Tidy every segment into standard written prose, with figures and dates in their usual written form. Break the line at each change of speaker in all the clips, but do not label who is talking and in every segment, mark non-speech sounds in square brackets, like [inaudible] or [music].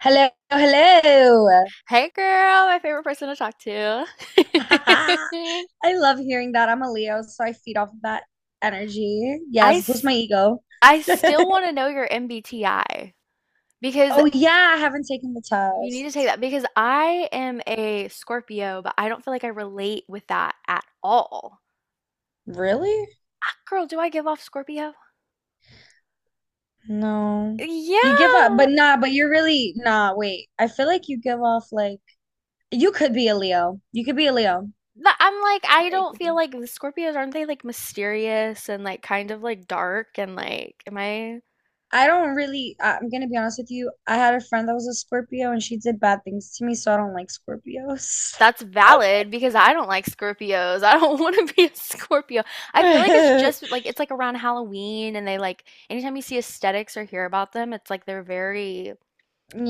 Hello, hello.
Hey girl, my favorite person to talk to.
[laughs]
[laughs]
I love hearing that. I'm a Leo, so I feed off of that energy.
I
Yes, boost
s-
my ego.
I still
[laughs]
want to know your MBTI because
Oh yeah, I haven't taken the
you need to take
test.
that because I am a Scorpio, but I don't feel like I relate with that at all.
Really?
Ah, girl, do I give off Scorpio?
No. You give up,
Yeah.
but nah, but you're really nah, wait. I feel like you give off like you could be a Leo. You could be a Leo.
I'm like, I
Yeah, you
don't
could
feel
be.
like the Scorpios, aren't they like mysterious and like kind of like dark and like am I,
I don't really I- I'm gonna be honest with you. I had a friend that was a Scorpio and she did bad things to me, so I don't like Scorpios.
that's valid because I don't like Scorpios. I don't [laughs] want to be a Scorpio. I feel like it's
[laughs]
just like, it's like around Halloween and they like anytime you see aesthetics or hear about them, it's like they're very,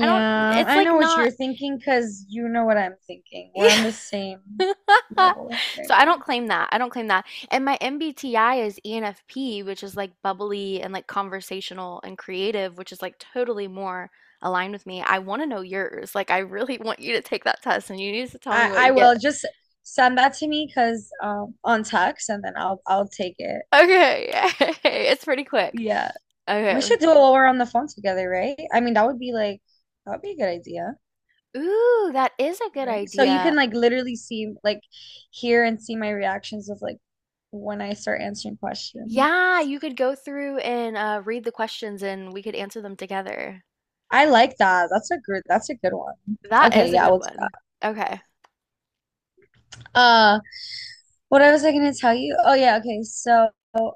I don't, it's
I
like
know what
not.
you're thinking because you know what I'm thinking. We're on the
[laughs]
same level right
So I don't
now.
claim that. I don't claim that. And my MBTI is ENFP, which is like bubbly and like conversational and creative, which is like totally more aligned with me. I want to know yours. Like, I really [laughs] want you to take that test and you need to tell me
I
what
I
you get.
will just send that to me because on text and then I'll take it.
Okay, [laughs] it's pretty quick.
Yeah. We
Okay.
should do it while we're on the phone together, right? I mean, that would be a good idea,
Ooh, that is a good
right? So you
idea.
can like literally see like hear and see my reactions of like when I start answering questions.
Yeah, you could go through and read the questions and we could answer them together.
I like that. That's a good one.
That
Okay,
is a
yeah,
good
we'll do that.
one. Okay.
Uh What I was I gonna tell you? Oh yeah, okay. So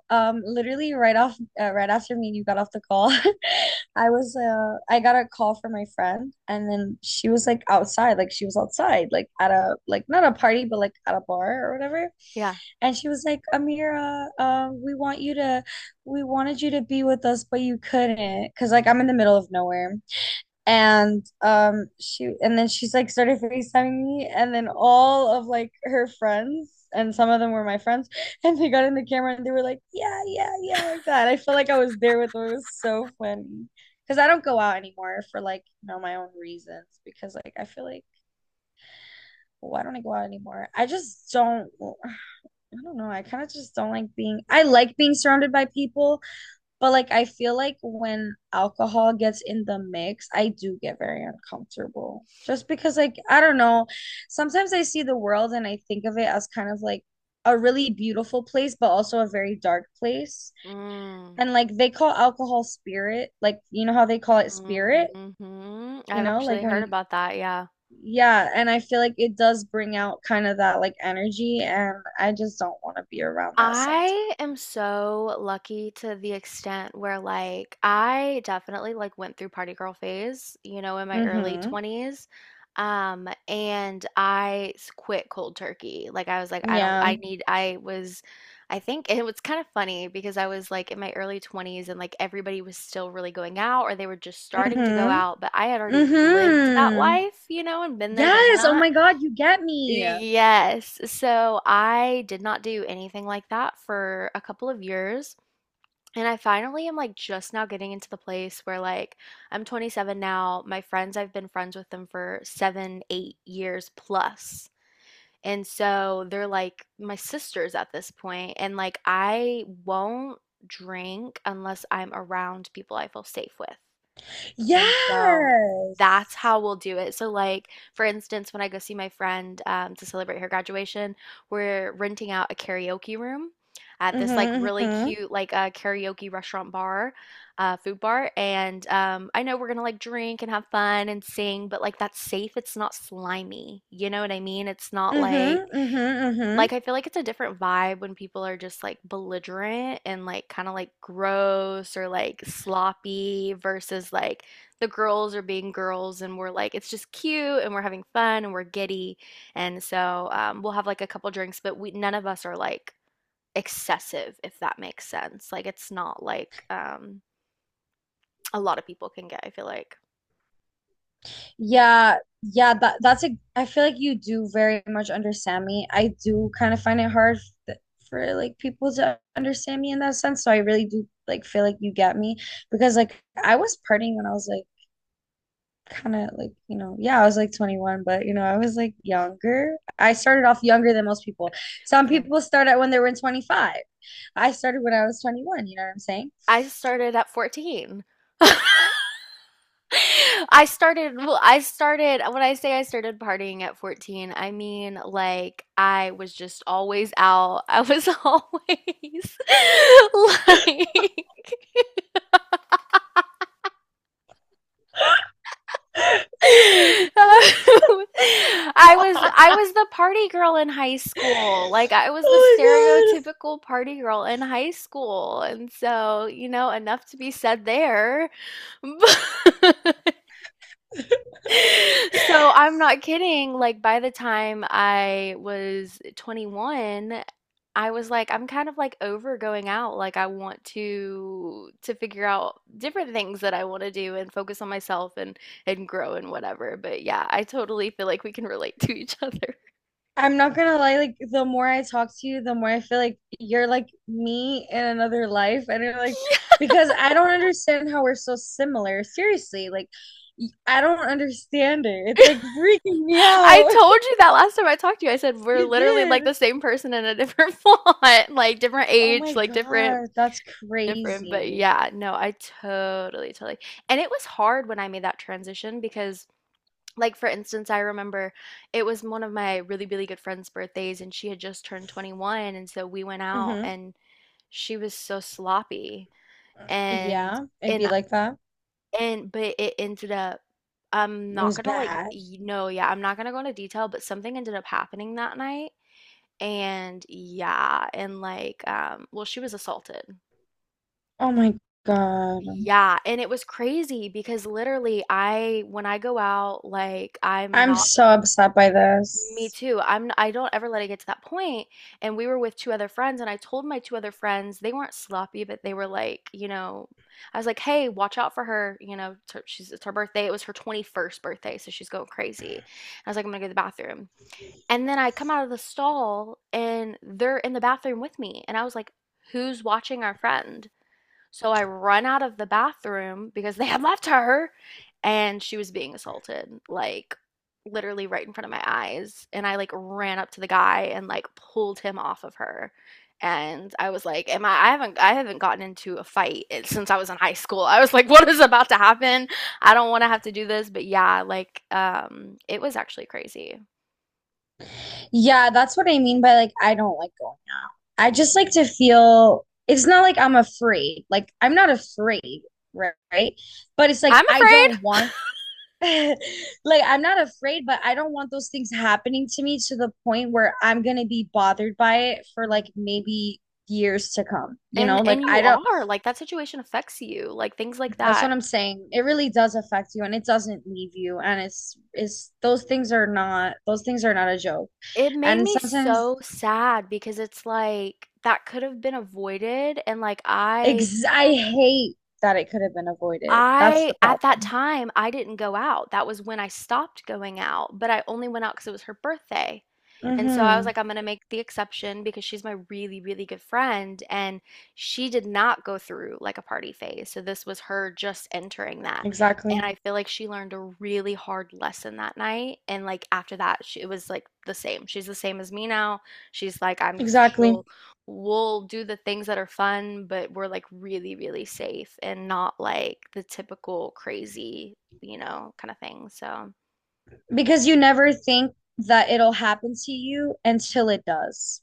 literally right after me and you got off the call, [laughs] I got a call from my friend, and then she was like outside, like she was outside, like at a not a party but like at a bar or whatever.
Yeah.
And she was like, "Amira, we want you to we wanted you to be with us, but you couldn't because like I'm in the middle of nowhere." And she and then she's like started FaceTiming me, and then all of like her friends and some of them were my friends, and they got in the camera, and they were like, yeah, yeah, yeah. Like that, I felt like I was there with them. It was so funny because I don't go out anymore for like you know my own reasons, because like I feel like why don't I go out anymore? I just don't I don't know. I kind of just don't like being I like being surrounded by people, but like I feel like when alcohol gets in the mix, I do get very uncomfortable. Just because like I don't know, sometimes I see the world and I think of it as kind of like a really beautiful place but also a very dark place.
Mm.
And like they call alcohol spirit, like you know how they call it spirit,
Hmm,
you
I've
know, like
actually
when
heard
you
about that. Yeah.
yeah, and I feel like it does bring out kind of that like energy, and I just don't want to be around that sometimes.
I am so lucky to the extent where, like, I definitely like went through party girl phase, you know, in my early
Mm-hmm.
20s. And quit cold turkey. Like I was like, I don't,
Yeah.
I need, I was, I think it was kind of funny because I was like in my early 20s and like everybody was still really going out or they were just starting to go
Mm-hmm.
out, but I had already lived that
Mm-hmm.
life, you know, and been there, done
Yes. Oh
that.
my God, you get me.
Yes. So I did not do anything like that for a couple of years. And I finally am like just now getting into the place where, like, I'm 27 now. My friends, I've been friends with them for seven, 8 years plus. And so they're like my sisters at this point. And like I won't drink unless I'm around people I feel safe with. And so that's
Yes.
how we'll do it. So, like, for instance, when I go see my friend to celebrate her graduation, we're renting out a karaoke room at this like
Mm-hmm,
really
mm-hmm.
cute like a karaoke restaurant bar, food bar. And I know we're gonna like drink and have fun and sing, but like that's safe. It's not slimy. You know what I mean? It's not
Mm-hmm,
like,
mm-hmm, mm-hmm.
like, I feel like it's a different vibe when people are just like belligerent and like kind of like gross or like sloppy versus like the girls are being girls and we're like, it's just cute and we're having fun and we're giddy. And so we'll have like a couple drinks, but we, none of us are like excessive, if that makes sense. Like, it's not like a lot of people can get, I feel like.
Yeah, yeah, that that's a I feel like you do very much understand me. I do kind of find it hard th- for like people to understand me in that sense, so I really do like feel like you get me because like I was partying when I was like kind of like, you know, yeah, I was like 21, but you know, I was like younger. I started off younger than most people. Some
Same.
people start at when they were in 25. I started when I was 21, you know what I'm saying?
I started at 14. [laughs] [laughs] I started, well, I started, when I say I started partying at 14, I mean like I was just always out. I was [laughs] always [laughs] like [laughs] I was the party girl in high school. Like I was the stereotypical party girl in high school. And so, you know, enough to be said there. [laughs] [laughs] So, I'm not kidding, like, by the time I was 21, I was like, I'm kind of like over going out. Like, I want to figure out different things that I want to do and focus on myself and grow and whatever. But yeah, I totally feel like we can relate to each other.
I'm not gonna lie, like the more I talk to you, the more I feel like you're like me in another life. And you're like, because I don't understand how we're so similar. Seriously, like I don't understand it. It's like freaking me
[laughs] I
out. [laughs]
told you that last time I talked to you. I said we're
You
literally like the
did.
same person in a different [laughs] font, like different
Oh
age,
my
like different,
God, that's
different, but
crazy.
yeah, no, I totally, totally, and it was hard when I made that transition because, like, for instance, I remember it was one of my really, really good friend's birthdays, and she had just turned 21, and so we went out,
Hmm.
and she was so sloppy, and
Yeah, it'd be
and
like that.
and but it ended up, I'm
It
not
was
gonna like
bad.
y no, yeah, I'm not gonna go into detail, but something ended up happening that night, and yeah, and like, well, she was assaulted.
Oh my God.
Yeah, and it was crazy because literally I, when I go out, like I'm
I'm
not,
so upset by
me
this.
too. I don't ever let it get to that point. And we were with two other friends and I told my two other friends, they weren't sloppy, but they were like, you know, I was like, "Hey, watch out for her, you know, she's, it's her birthday. It was her 21st birthday, so she's going crazy." I was like, "I'm going to go to the bathroom." And then I come out of the stall and they're in the bathroom with me. And I was like, "Who's watching our friend?" So I run out of the bathroom because they had [laughs] left her and she was being assaulted, like literally right in front of my eyes. And I like ran up to the guy and like pulled him off of her. And I was like, am I, I haven't gotten into a fight since I was in high school. I was like, [laughs] what is about to happen? I don't want to have to do this, but yeah, like it was actually crazy.
Yeah, that's what I mean by like, I don't like going out. I just like to
Mhm.
feel it's not like I'm afraid. Like, I'm not afraid, right? But it's like,
I'm
I
afraid.
don't want, [laughs] like, I'm not afraid, but I don't want those things happening to me to the point where I'm gonna be bothered by it for like
Mm.
maybe years to come, you know? Like,
And you
I don't.
are, like that situation affects you, like things like
That's
that.
what I'm saying. It really does affect you and it doesn't leave you. And it's those things are not those things are not a joke.
It made
And
me
sometimes
so sad because it's like that could have been avoided and like I
ex I hate that it could have been avoided. That's
I
the
at that
problem.
time, I didn't go out. That was when I stopped going out, but I only went out because it was her birthday. And so I was
Mm-hmm.
like, I'm gonna make the exception because she's my really, really good friend, and she did not go through like a party phase. So this was her just entering that. And
Exactly.
I feel like she learned a really hard lesson that night. And like after that, she, it was like the same. She's the same as me now. She's like, I'm,
Exactly.
she'll we'll do the things that are fun, but we're like really, really safe and not like the typical crazy, you know, kind of thing. So
Because you never think that it'll happen to you until it does.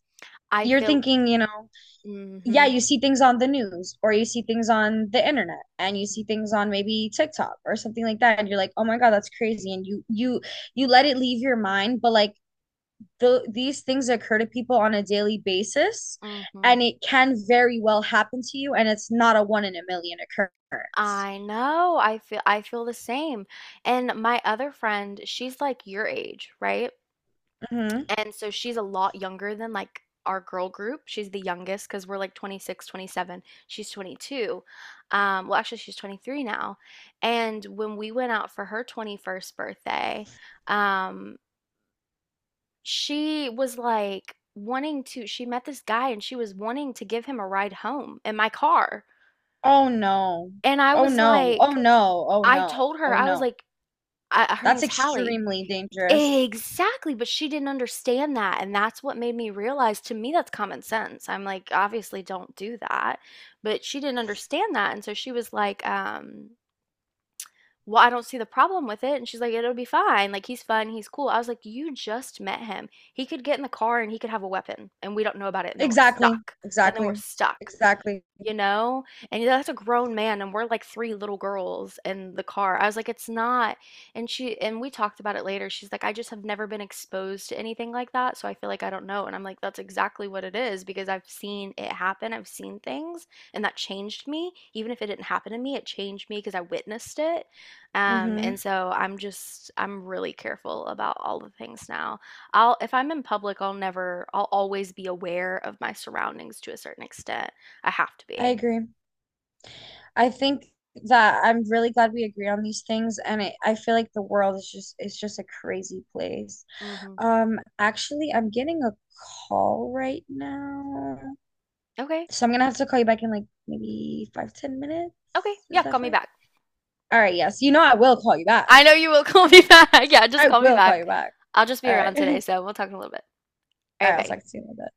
I
You're
feel,
thinking, you know, yeah,
mm-hmm,
you see things on the news or you see things on the internet and you
mm-hmm,
see things on maybe TikTok or something like that and you're like, "Oh my God, that's crazy." And you let it leave your mind, but like these things occur to people on a daily basis
mm hmm.
and it can very well happen to you, and it's not a one in a million occurrence.
I know. I feel the same. And my other friend, she's like your age, right?
Hmm.
And so she's a lot younger than like our girl group. She's the youngest because we're like 26, 27. She's 22. Well, actually, she's 23 now. And when we went out for her 21st birthday, um, she was like wanting to, she met this guy and she was wanting to give him a ride home in my car.
Oh no.
And I
Oh
was
no. Oh
like,
no. Oh
I
no.
told her,
Oh
I was
no.
like, I, her
That's
name's Hallie.
extremely dangerous.
Exactly, but she didn't understand that, and that's what made me realize, to me that's common sense. I'm like, obviously don't do that, but she didn't understand that, and so she was like, "Well, I don't see the problem with it." And she's like, "It'll be fine. Like he's fun, he's cool." I was like, "You just met him. He could get in the car and he could have a weapon, and we don't know about it, and then we're
Exactly.
stuck. And then we're
Exactly.
stuck."
Exactly.
You know? And that's a grown man, and we're like 3 little girls in the car. I was like, "It's not." And she, and we talked about it later. She's like, "I just have never been exposed to anything like that, so I feel like I don't know." And I'm like, "That's exactly what it is because I've seen it happen. I've seen things, and that changed me. Even if it didn't happen to me, it changed me because I witnessed it."
Hmm.
And so I'm just, I'm really careful about all the things now. I'll if I'm in public, I'll never I'll always be aware of my surroundings to a certain extent. I have to
I
be.
agree. I think that I'm really glad we agree on these things, and it, I feel like the world is just a crazy place.
Mhm.
Actually, I'm getting a call right now,
Okay.
so I'm gonna have to call you back in like maybe five, 10 minutes.
Okay. Yeah,
Is that
call me
fine?
back.
All right, yes. You know I will call you back.
I know you will [laughs] call me back. Yeah, just
I
call me
will call
back.
you back.
I'll just be
All right.
around
[laughs] All
today, so we'll talk in a little bit. All right,
right, I'll
bye.
talk to you in a bit.